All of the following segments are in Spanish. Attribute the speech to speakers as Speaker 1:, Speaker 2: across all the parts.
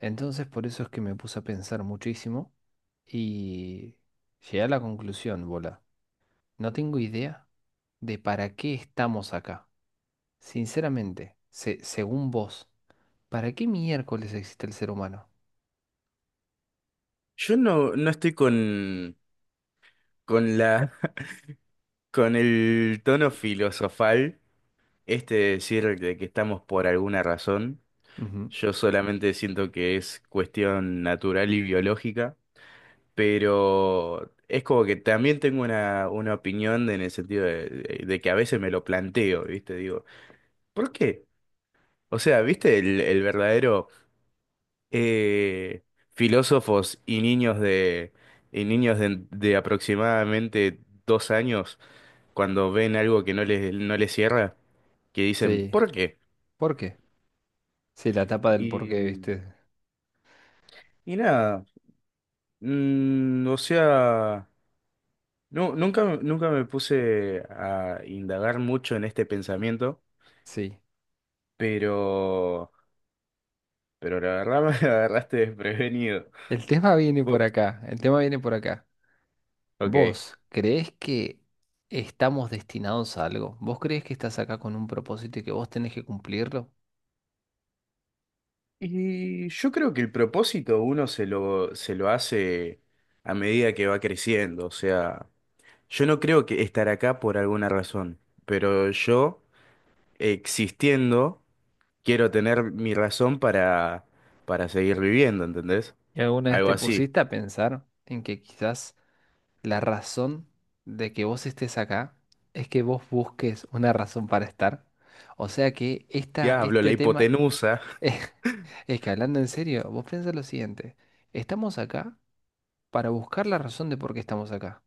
Speaker 1: Entonces por eso es que me puse a pensar muchísimo y llegué a la conclusión, bola. No tengo idea de para qué estamos acá. Sinceramente, según vos, ¿para qué miércoles existe el ser humano?
Speaker 2: Yo no estoy con la, con el tono filosofal, este de decir de que estamos por alguna razón.
Speaker 1: Ujú.
Speaker 2: Yo solamente siento que es cuestión natural y biológica, pero es como que también tengo una opinión en el sentido de que a veces me lo planteo, ¿viste? Digo, ¿por qué? O sea, ¿viste el verdadero eh, filósofos y niños y niños de aproximadamente dos años, cuando ven algo que no les cierra, que dicen,
Speaker 1: Sí.
Speaker 2: ¿por qué?
Speaker 1: ¿Por qué? Sí, la tapa del por qué,
Speaker 2: Y,
Speaker 1: ¿viste?
Speaker 2: y nada, o sea, no, nunca me puse a indagar mucho en este pensamiento,
Speaker 1: Sí.
Speaker 2: pero, pero la verdad me agarraste desprevenido.
Speaker 1: El tema viene por
Speaker 2: Bu-
Speaker 1: acá, el tema viene por acá.
Speaker 2: Ok.
Speaker 1: ¿Vos creés que estamos destinados a algo? ¿Vos creés que estás acá con un propósito y que vos tenés que cumplirlo?
Speaker 2: Y yo creo que el propósito uno se lo hace a medida que va creciendo, o sea, yo no creo que estar acá por alguna razón, pero yo... existiendo, quiero tener mi razón para seguir viviendo, ¿entendés?
Speaker 1: ¿Y alguna vez
Speaker 2: Algo
Speaker 1: te
Speaker 2: así.
Speaker 1: pusiste a pensar en que quizás la razón de que vos estés acá es que vos busques una razón para estar? O sea que esta,
Speaker 2: Diablo, la
Speaker 1: este tema
Speaker 2: hipotenusa.
Speaker 1: es, que hablando en serio, vos piensa lo siguiente, estamos acá para buscar la razón de por qué estamos acá.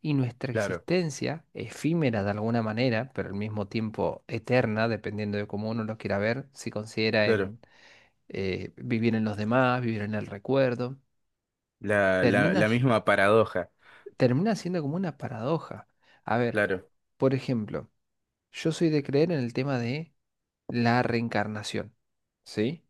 Speaker 1: Y nuestra
Speaker 2: Claro,
Speaker 1: existencia, efímera de alguna manera, pero al mismo tiempo eterna, dependiendo de cómo uno lo quiera ver, si considera
Speaker 2: claro.
Speaker 1: en vivir en los demás, vivir en el recuerdo
Speaker 2: La, la,
Speaker 1: termina
Speaker 2: la misma paradoja.
Speaker 1: termina siendo como una paradoja. A ver,
Speaker 2: Claro.
Speaker 1: por ejemplo, yo soy de creer en el tema de la reencarnación, ¿sí?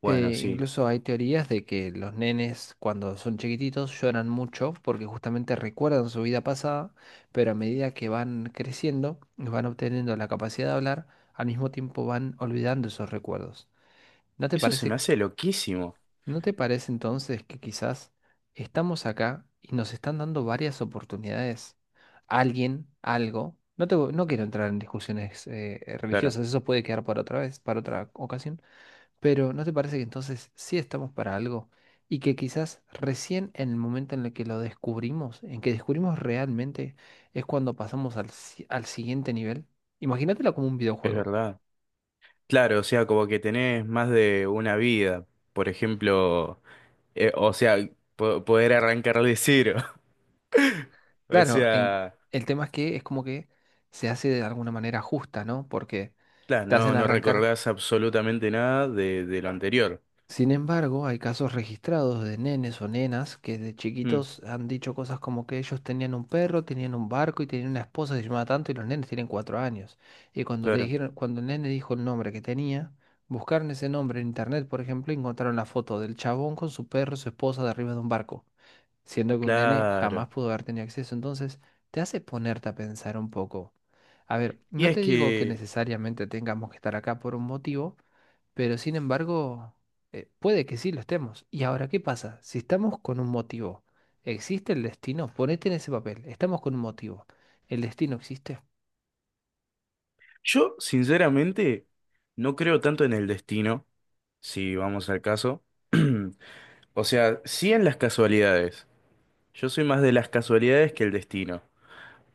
Speaker 2: Bueno, sí.
Speaker 1: Incluso hay teorías de que los nenes cuando son chiquititos lloran mucho porque justamente recuerdan su vida pasada, pero a medida que van creciendo y van obteniendo la capacidad de hablar, al mismo tiempo van olvidando esos recuerdos. ¿No te
Speaker 2: Eso se me
Speaker 1: parece
Speaker 2: hace loquísimo.
Speaker 1: ¿No te parece entonces que quizás estamos acá y nos están dando varias oportunidades? Alguien, algo. No quiero entrar en discusiones
Speaker 2: Claro,
Speaker 1: religiosas, eso puede quedar para otra vez, para otra ocasión, pero ¿no te parece que entonces sí estamos para algo y que quizás recién en el momento en el que lo descubrimos, en que descubrimos realmente, es cuando pasamos al, si- al siguiente nivel? Imagínatelo como un
Speaker 2: es
Speaker 1: videojuego.
Speaker 2: verdad. Claro, o sea, como que tenés más de una vida. Por ejemplo, o sea, poder arrancar de cero. O
Speaker 1: Claro.
Speaker 2: sea,
Speaker 1: El tema es que es como que se hace de alguna manera justa, ¿no? Porque
Speaker 2: claro,
Speaker 1: te hacen
Speaker 2: no, no
Speaker 1: arrancar.
Speaker 2: recordás absolutamente nada de lo anterior.
Speaker 1: Sin embargo, hay casos registrados de nenes o nenas que de
Speaker 2: Mm,
Speaker 1: chiquitos han dicho cosas como que ellos tenían un perro, tenían un barco y tenían una esposa que se llamaba tanto y los nenes tienen 4 años. Y cuando le
Speaker 2: claro.
Speaker 1: dijeron, cuando el nene dijo el nombre que tenía, buscaron ese nombre en internet, por ejemplo, y encontraron la foto del chabón con su perro y su esposa de arriba de un barco, siendo que un nene jamás
Speaker 2: Claro.
Speaker 1: pudo haber tenido acceso. Entonces, te hace ponerte a pensar un poco. A ver,
Speaker 2: Y
Speaker 1: no
Speaker 2: es
Speaker 1: te digo que
Speaker 2: que
Speaker 1: necesariamente tengamos que estar acá por un motivo, pero sin embargo. Puede que sí lo estemos. ¿Y ahora qué pasa? Si estamos con un motivo, ¿existe el destino? Ponete en ese papel. Estamos con un motivo. ¿El destino existe?
Speaker 2: yo, sinceramente, no creo tanto en el destino, si vamos al caso. O sea, sí en las casualidades. Yo soy más de las casualidades que el destino.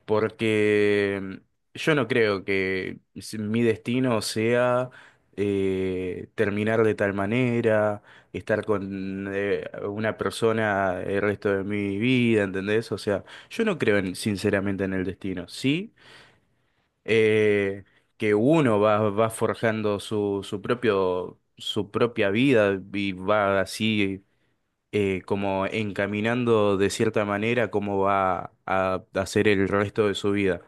Speaker 2: Porque yo no creo que mi destino sea terminar de tal manera, estar con una persona el resto de mi vida, ¿entendés? O sea, yo no creo sinceramente en el destino. Sí. Eh, que uno va forjando su propio, su propia vida y va así como encaminando de cierta manera cómo va a hacer el resto de su vida.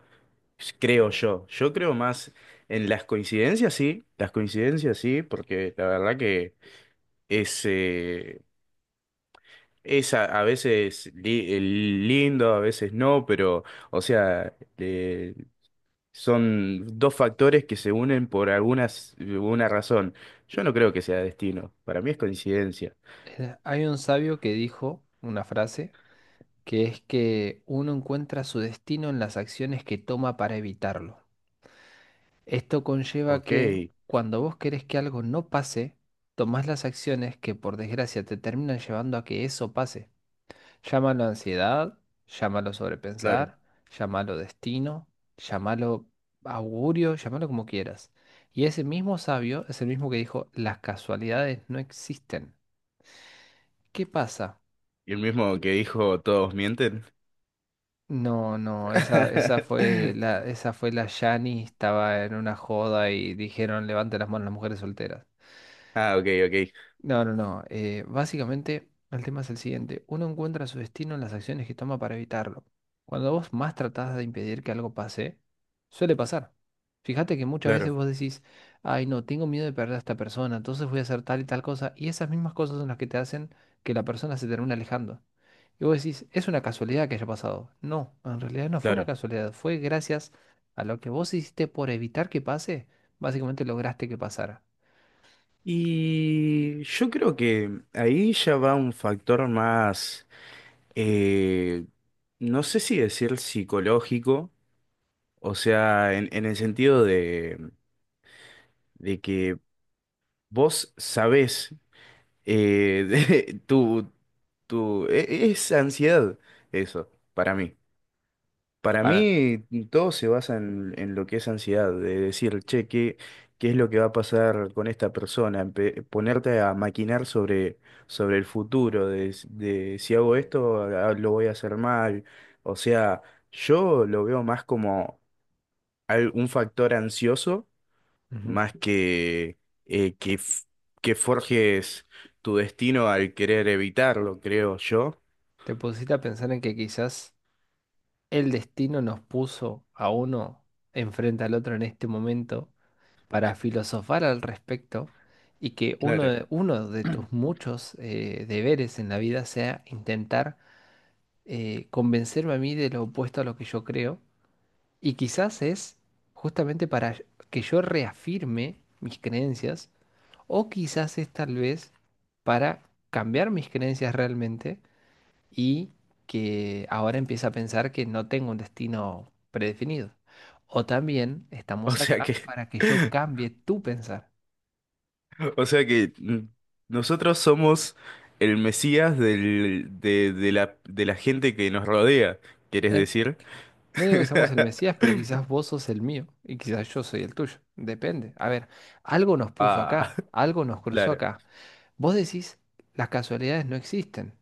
Speaker 2: Creo yo. Yo creo más en las coincidencias, sí. Las coincidencias, sí, porque la verdad que es, eh, es a veces lindo, a veces no, pero, o sea, son dos factores que se unen por una razón. Yo no creo que sea destino. Para mí es coincidencia.
Speaker 1: Hay un sabio que dijo una frase que es que uno encuentra su destino en las acciones que toma para evitarlo. Esto conlleva
Speaker 2: Ok,
Speaker 1: que cuando vos querés que algo no pase, tomás las acciones que por desgracia te terminan llevando a que eso pase. Llámalo ansiedad, llámalo
Speaker 2: claro.
Speaker 1: sobrepensar, llámalo destino, llámalo augurio, llámalo como quieras. Y ese mismo sabio es el mismo que dijo, las casualidades no existen. ¿Qué pasa?
Speaker 2: ¿Y el mismo que dijo todos mienten?
Speaker 1: No, no, esa, esa fue la Yani, estaba en una joda y dijeron, levante las manos las mujeres solteras.
Speaker 2: Ah, ok, ok.
Speaker 1: No, no, no. Básicamente, el tema es el siguiente. Uno encuentra su destino en las acciones que toma para evitarlo. Cuando vos más tratás de impedir que algo pase, suele pasar. Fíjate que muchas veces
Speaker 2: Claro,
Speaker 1: vos decís, ay, no, tengo miedo de perder a esta persona, entonces voy a hacer tal y tal cosa, y esas mismas cosas son las que te hacen que la persona se termine alejando. Y vos decís, es una casualidad que haya pasado. No, en realidad no fue una
Speaker 2: claro.
Speaker 1: casualidad, fue gracias a lo que vos hiciste por evitar que pase, básicamente lograste que pasara.
Speaker 2: Y yo creo que ahí ya va un factor más, eh, no sé si decir psicológico, o sea, en el sentido de que vos sabés. Eh, de- tu, tu, es ansiedad eso, para mí. Para
Speaker 1: Para.
Speaker 2: mí todo se basa en lo que es ansiedad, de decir, che, ¿qué es lo que va a pasar con esta persona? Ponerte a maquinar sobre el futuro, de si hago esto, ah, lo voy a hacer mal. O sea, yo lo veo más como un factor ansioso
Speaker 1: Ujú.
Speaker 2: más que eh, que, f- que forjes tu destino al querer evitarlo, creo yo.
Speaker 1: ¿Te pusiste a pensar en que quizás el destino nos puso a uno enfrente al otro en este momento para filosofar al respecto y que
Speaker 2: Claro.
Speaker 1: uno de tus muchos deberes en la vida sea intentar convencerme a mí de lo opuesto a lo que yo creo? Y quizás es justamente para que yo reafirme mis creencias o quizás es tal vez para cambiar mis creencias realmente y que ahora empieza a pensar que no tengo un destino predefinido. O también
Speaker 2: O
Speaker 1: estamos
Speaker 2: sea
Speaker 1: acá
Speaker 2: que,
Speaker 1: para que yo cambie tu pensar.
Speaker 2: o sea que nosotros somos el Mesías de de la gente que nos rodea, ¿quieres
Speaker 1: En-
Speaker 2: decir?
Speaker 1: no digo que seamos el Mesías, pero quizás vos sos el mío y quizás yo soy el tuyo. Depende. A ver, algo nos puso
Speaker 2: Ah,
Speaker 1: acá, algo nos cruzó
Speaker 2: claro.
Speaker 1: acá. Vos decís, las casualidades no existen,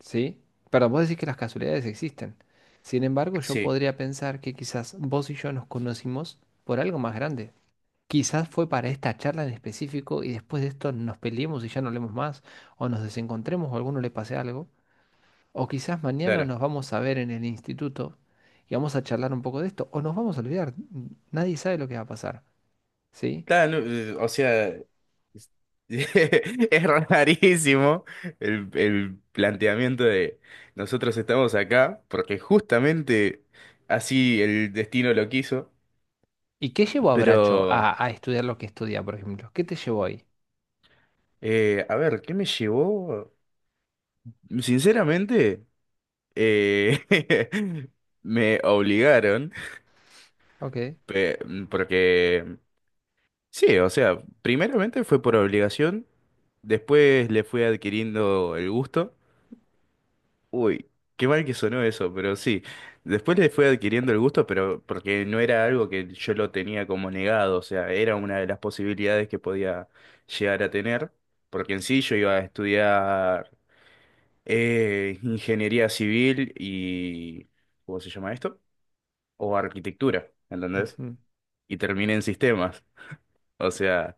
Speaker 1: ¿sí? Perdón, vos decís que las casualidades existen. Sin embargo, yo
Speaker 2: Sí,
Speaker 1: podría pensar que quizás vos y yo nos conocimos por algo más grande. Quizás fue para esta charla en específico y después de esto nos peleemos y ya no hablemos más, o nos desencontremos o a alguno le pase algo, o quizás mañana
Speaker 2: claro.
Speaker 1: nos vamos a ver en el instituto y vamos a charlar un poco de esto, o nos vamos a olvidar, nadie sabe lo que va a pasar, ¿sí?
Speaker 2: Claro, no, o sea, es es rarísimo el planteamiento de nosotros estamos acá porque justamente así el destino lo quiso,
Speaker 1: ¿Y qué llevó a Bracho
Speaker 2: pero
Speaker 1: a estudiar lo que estudia, por ejemplo? ¿Qué te llevó ahí?
Speaker 2: a ver, ¿qué me llevó? Sinceramente, eh, me obligaron,
Speaker 1: Ok.
Speaker 2: porque sí, o sea, primeramente fue por obligación, después le fui adquiriendo el gusto. Uy, qué mal que sonó eso, pero sí. Después le fue adquiriendo el gusto, pero porque no era algo que yo lo tenía como negado, o sea, era una de las posibilidades que podía llegar a tener, porque en sí yo iba a estudiar ingeniería civil y, ¿cómo se llama esto? O arquitectura, ¿entendés?
Speaker 1: Ujú.
Speaker 2: Y terminé en sistemas. O sea,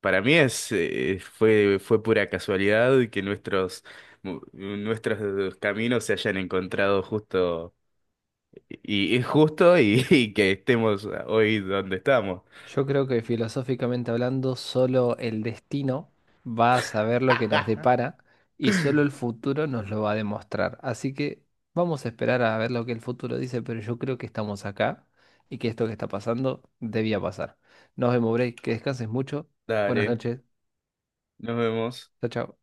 Speaker 2: para mí fue pura casualidad que nuestros caminos se hayan encontrado justo, y que estemos hoy donde estamos.
Speaker 1: Yo creo que filosóficamente hablando, solo el destino va a saber lo que nos depara y solo el futuro nos lo va a demostrar. Así que vamos a esperar a ver lo que el futuro dice, pero yo creo que estamos acá y que esto que está pasando debía pasar. Nos vemos, Bray, que descanses mucho. Buenas
Speaker 2: Dale,
Speaker 1: noches.
Speaker 2: nos vemos.
Speaker 1: Chao, chao.